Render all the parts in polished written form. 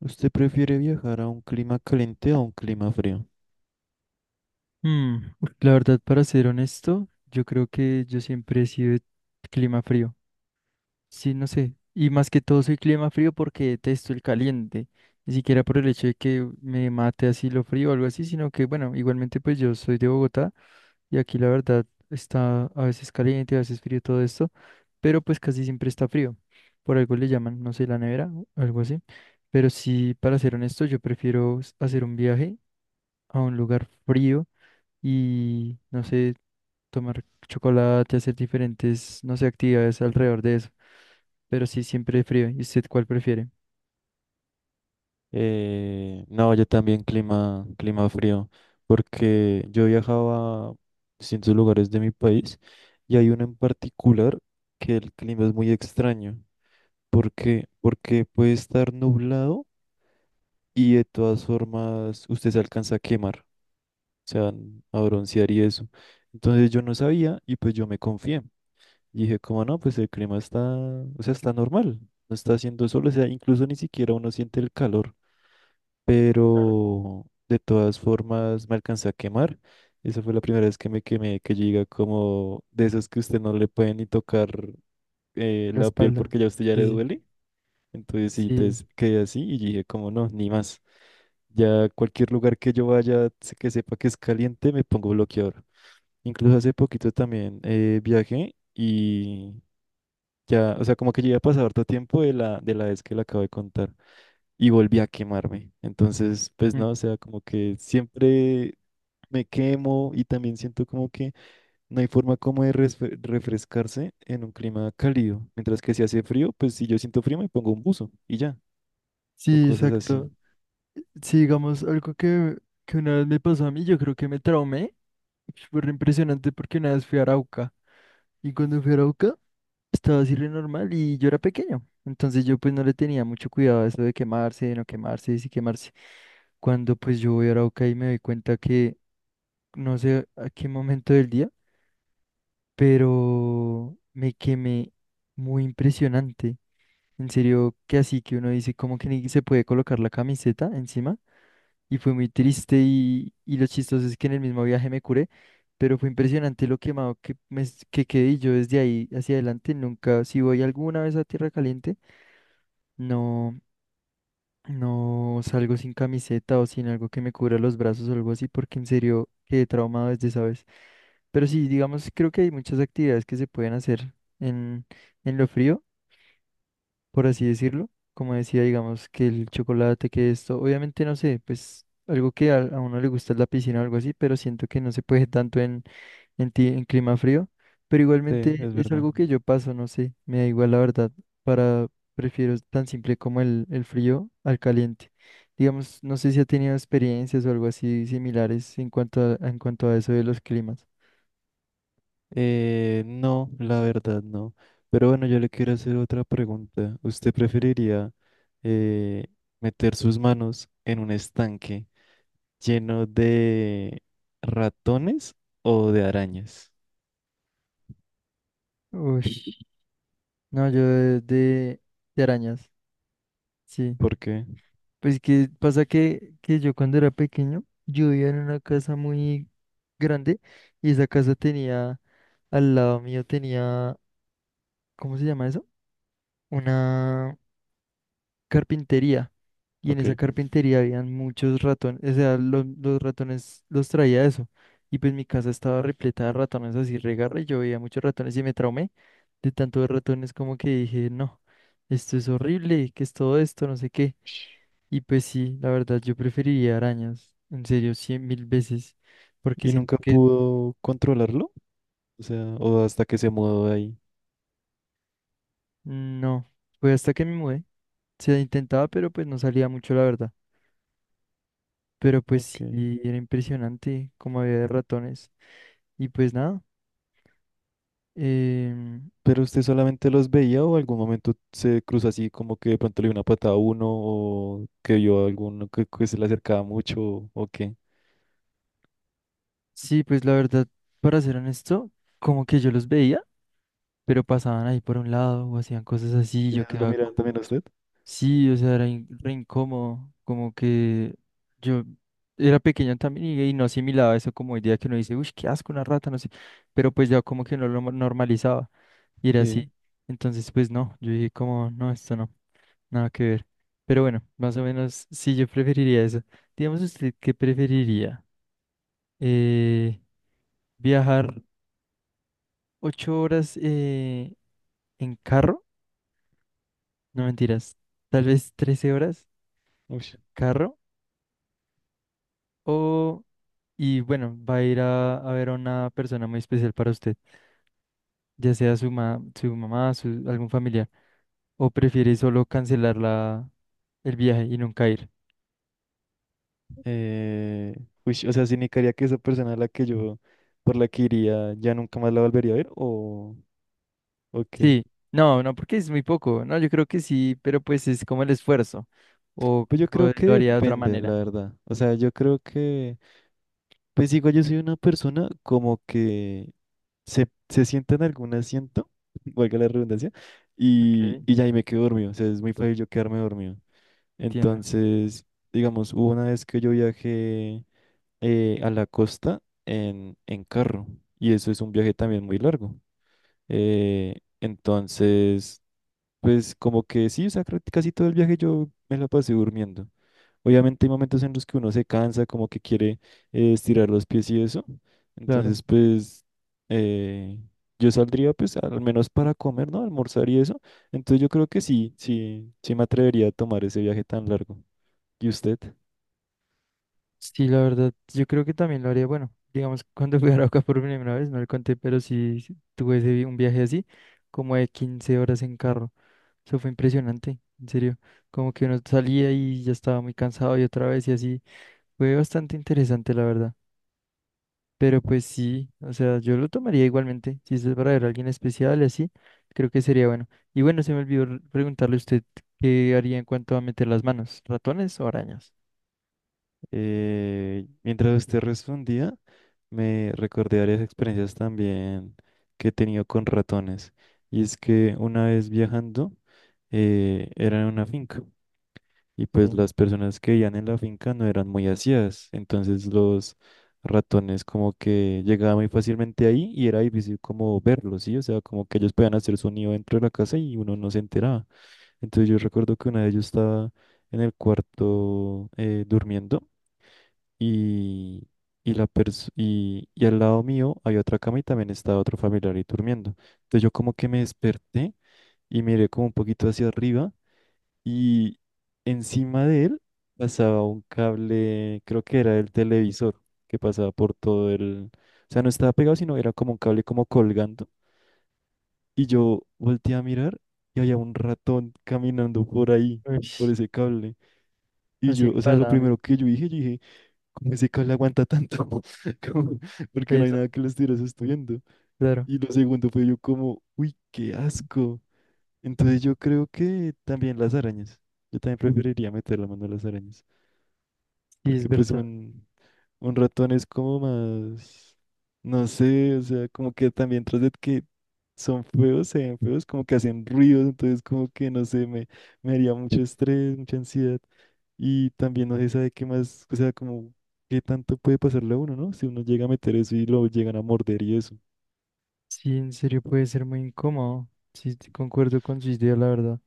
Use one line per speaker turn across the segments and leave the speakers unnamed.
¿Usted prefiere viajar a un clima caliente o a un clima frío?
Mm, la verdad, para ser honesto, yo creo que yo siempre he sido de clima frío. Sí, no sé. Y más que todo soy clima frío porque detesto el caliente. Ni siquiera por el hecho de que me mate así lo frío o algo así, sino que, bueno, igualmente pues yo soy de Bogotá y aquí la verdad está a veces caliente, a veces frío todo esto, pero pues casi siempre está frío. Por algo le llaman, no sé, la nevera o algo así. Pero sí, para ser honesto, yo prefiero hacer un viaje a un lugar frío y no sé tomar chocolate, hacer diferentes, no sé, actividades alrededor de eso. Pero sí, siempre frío. ¿Y usted cuál prefiere?
No, yo también clima frío, porque yo viajaba a distintos lugares de mi país y hay uno en particular que el clima es muy extraño. ¿Por qué? Porque puede estar nublado y de todas formas usted se alcanza a quemar, o sea, a broncear y eso. Entonces yo no sabía y pues yo me confié. Y dije, como no, pues el clima está, o sea, está normal, no está haciendo sol, o sea, incluso ni siquiera uno siente el calor, pero de todas formas me alcancé a quemar. Esa fue la primera vez que me quemé, que llega como de esos que usted no le puede ni tocar
La
la piel
espalda.
porque ya a usted ya le
Sí,
duele. Entonces sí,
sí.
entonces quedé así y dije, como no, ni más. Ya cualquier lugar que yo vaya, que sepa que es caliente, me pongo bloqueador. Incluso hace poquito también viajé y ya, o sea, como que ya había pasado harto tiempo de de la vez que le acabo de contar y volví a quemarme. Entonces, pues
Mm.
no, o sea, como que siempre me quemo y también siento como que no hay forma como de refrescarse en un clima cálido. Mientras que si hace frío, pues si yo siento frío me pongo un buzo y ya, o
Sí,
cosas así.
exacto. Sí, digamos, algo que una vez me pasó a mí, yo creo que me traumé. Fue re impresionante porque una vez fui a Arauca. Y cuando fui a Arauca, estaba así re normal y yo era pequeño. Entonces yo pues no le tenía mucho cuidado a eso de quemarse, de no quemarse, de si quemarse. Cuando pues yo voy a Arauca y me doy cuenta que no sé a qué momento del día, pero me quemé muy impresionante. En serio, que así que uno dice cómo que ni se puede colocar la camiseta encima y fue muy triste y lo chistoso es que en el mismo viaje me curé, pero fue impresionante lo quemado que quedé y yo desde ahí hacia adelante nunca, si voy alguna vez a Tierra Caliente, no, no salgo sin camiseta o sin algo que me cubra los brazos o algo así porque en serio quedé traumado desde esa vez. Pero sí, digamos, creo que hay muchas actividades que se pueden hacer en, en lo frío, por así decirlo. Como decía, digamos, que el chocolate, que esto, obviamente no sé, pues algo que a uno le gusta es la piscina o algo así, pero siento que no se puede tanto en clima frío. Pero
Sí,
igualmente
es
es
verdad.
algo que yo paso, no sé, me da igual la verdad, para prefiero tan simple como el frío al caliente. Digamos, no sé si ha tenido experiencias o algo así similares en cuanto a eso de los climas.
No, la verdad no. Pero bueno, yo le quiero hacer otra pregunta. ¿Usted
Ujú.
preferiría eh, meter sus manos en un estanque lleno de ratones o de arañas?
Uy. No, yo de arañas, sí.
¿Por qué?
Pues que pasa que yo cuando era pequeño, yo vivía en una casa muy grande y esa casa tenía, al lado mío tenía, ¿cómo se llama eso? Una carpintería. Y en
Ok.
esa carpintería habían muchos ratones, o sea, los ratones los traía eso. Y pues mi casa estaba repleta de ratones así regarra y yo veía muchos ratones y me traumé de tanto de ratones como que dije, no, esto es horrible, ¿qué es todo esto? No sé qué. Y pues sí, la verdad, yo preferiría arañas, en serio, 100.000 veces, porque
¿Y
siento
nunca
que
pudo controlarlo, o sea, o hasta que se mudó de ahí?
no, pues hasta que me mudé, se intentaba, pero pues no salía mucho, la verdad. Pero pues
Ok.
sí, era impresionante como había de ratones. Y pues nada, em,
¿Pero usted solamente los veía o algún momento se cruzó así como que de pronto le dio una patada a uno o que vio a alguno que se le acercaba mucho o qué?
sí, pues la verdad, para ser honesto, como que yo los veía, pero pasaban ahí por un lado o hacían cosas así, y yo
¿Ellos lo
quedaba
miraban
como...
también a usted?
Sí, o sea, era re incómodo, como que yo era pequeño también y no asimilaba eso como idea que uno dice, uy, qué asco, una rata, no sé, pero pues ya como que no lo normalizaba y era
Sí.
así, entonces pues no, yo dije como, no, esto no, nada que ver, pero bueno, más o menos sí, yo preferiría eso. Digamos usted, ¿qué preferiría? Eh, ¿Viajar 8 horas en carro? No mentiras, tal vez 13 horas,
Uy.
carro o... Y bueno, va a ir a ver a una persona muy especial para usted, ya sea su mamá, su, algún familiar, o prefiere solo cancelar el viaje y nunca ir.
Eh, Uy, o sea, ¿significaría que esa persona a la que yo, por la que iría, ya nunca más la volvería a ver o qué?
Sí, no, no, porque es muy poco, no, yo creo que sí, pero pues es como el esfuerzo, o,
Pues yo
o
creo que
lo haría de otra
depende, la
manera.
verdad. O sea, yo creo que, pues igual yo soy una persona como que se sienta en algún asiento, valga la redundancia,
Ok,
y ya ahí me quedo dormido. O sea, es muy fácil yo quedarme dormido.
entiendo,
Entonces, digamos, hubo una vez que yo viajé a la costa en carro, y eso es un viaje también muy largo. Entonces... Pues como que sí, o sea, creo casi todo el viaje yo me la pasé durmiendo. Obviamente hay momentos en los que uno se cansa, como que quiere estirar los pies y eso.
claro.
Entonces, pues eh, yo saldría pues al menos para comer, ¿no? Almorzar y eso. Entonces yo creo que sí, sí, sí me atrevería a tomar ese viaje tan largo. ¿Y usted?
Sí, la verdad, yo creo que también lo haría, bueno, digamos, cuando fui a Arauca por primera vez, no le conté, pero sí sí, tuve un viaje así, como de 15 horas en carro. Eso fue impresionante, en serio. Como que uno salía y ya estaba muy cansado y otra vez y así. Fue bastante interesante, la verdad. Pero pues sí, o sea, yo lo tomaría igualmente. Si es para ver a alguien especial y así, creo que sería bueno. Y bueno, se me olvidó preguntarle a usted qué haría en cuanto a meter las manos, ¿ratones o arañas?
Mientras usted respondía, me recordé varias experiencias también que he tenido con ratones. Y es que una vez viajando, era en una finca. Y pues
Sí.
las personas que vivían en la finca no eran muy aseadas. Entonces los ratones como que llegaban muy fácilmente ahí y era difícil como verlos, ¿sí? O sea, como que ellos podían hacer sonido dentro de la casa y uno no se enteraba. Entonces yo recuerdo que una de ellos estaba en el cuarto durmiendo y, y al lado mío había otra cama y también estaba otro familiar ahí durmiendo. Entonces yo como que me desperté y miré como un poquito hacia arriba y encima de él pasaba un cable, creo que era el televisor, que pasaba por todo el... O sea, no estaba pegado, sino era como un cable como colgando. Y yo volteé a mirar y había un ratón caminando por ahí,
Uy,
por ese cable.
así me
O sea, lo
pasaba a mí.
primero que yo dije... ¿Cómo ese le aguanta tanto? Como... Porque no hay
Peso,
nada que lo estuviera estudiando.
claro.
Y lo segundo fue yo como, uy, qué asco. Entonces yo creo que también las arañas. Yo también preferiría meter la mano a las arañas.
Sí, es
Porque pues
verdad.
un ratón es como más, no sé, o sea, como que también tras de que son feos, se ven feos, como que hacen ruidos, entonces como que no sé, me haría mucho estrés, mucha ansiedad. Y también no se sabe qué más, o sea, como qué tanto puede pasarle a uno, ¿no? Si uno llega a meter eso y lo llegan a morder y eso.
Sí, en serio puede ser muy incómodo. Sí, concuerdo con su idea, la verdad.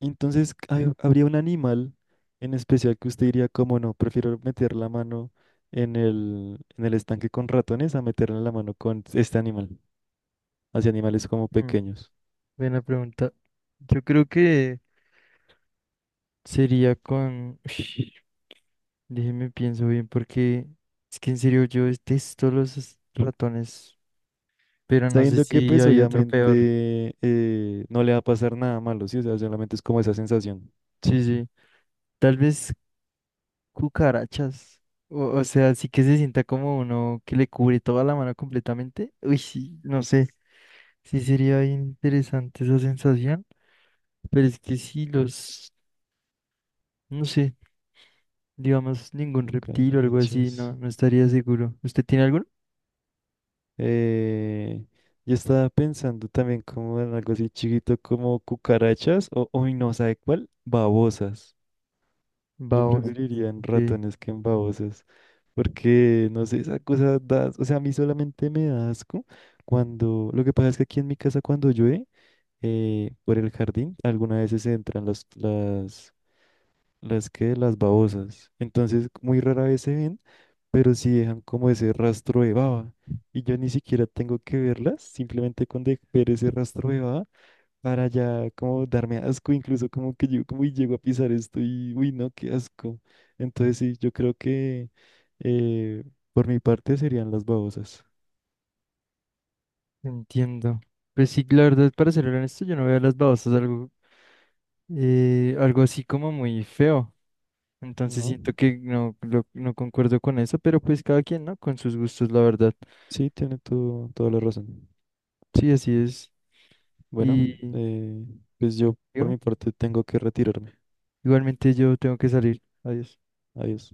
Entonces, ¿habría un animal en especial que usted diría, como no, prefiero meter la mano en en el estanque con ratones a meterle la mano con este animal, hacia animales como
Mm,
pequeños?
Buena pregunta. Yo creo que sería con... Ush, déjeme pienso bien porque es que en serio yo detesto los ratones, pero no sé
Sabiendo que
si
pues
hay otro peor.
obviamente no le va a pasar nada malo, ¿sí? O sea, solamente es como esa sensación.
Sí, sí. Tal vez cucarachas. O sea, sí que se sienta como uno que le cubre toda la mano completamente. Uy, sí, no sé. Sí sería bien interesante esa sensación. Pero es que si los, no sé, digamos ningún reptil o algo así,
Cucarachas.
no, no estaría seguro. ¿Usted tiene alguno?
Eh, yo estaba pensando también como en algo así chiquito como cucarachas o, hoy no, ¿sabe cuál? Babosas.
Va,
Yo
vos.
preferiría en
Ok.
ratones que en babosas, porque no sé, esa cosa da, o sea, a mí solamente me da asco cuando, lo que pasa es que aquí en mi casa cuando llueve, por el jardín, algunas veces se entran las que, las babosas, entonces muy rara vez se ven, pero sí dejan como ese rastro de baba, y yo ni siquiera tengo que verlas, simplemente con ese rastro de baba para ya como darme asco, incluso como que yo como y llego a pisar esto y uy no, qué asco. Entonces sí, yo creo que eh, por mi parte serían las babosas,
Entiendo. Pues sí, la verdad, para ser honesto, yo no veo las babosas algo, algo así como muy feo. Entonces
¿no?
siento que no, no concuerdo con eso, pero pues cada quien, ¿no? Con sus gustos, la verdad.
Sí, tiene todo, toda la razón.
Sí, así es.
Bueno,
Y
eh, pues yo por
dígame,
mi parte tengo que retirarme.
igualmente yo tengo que salir. Adiós.
Adiós.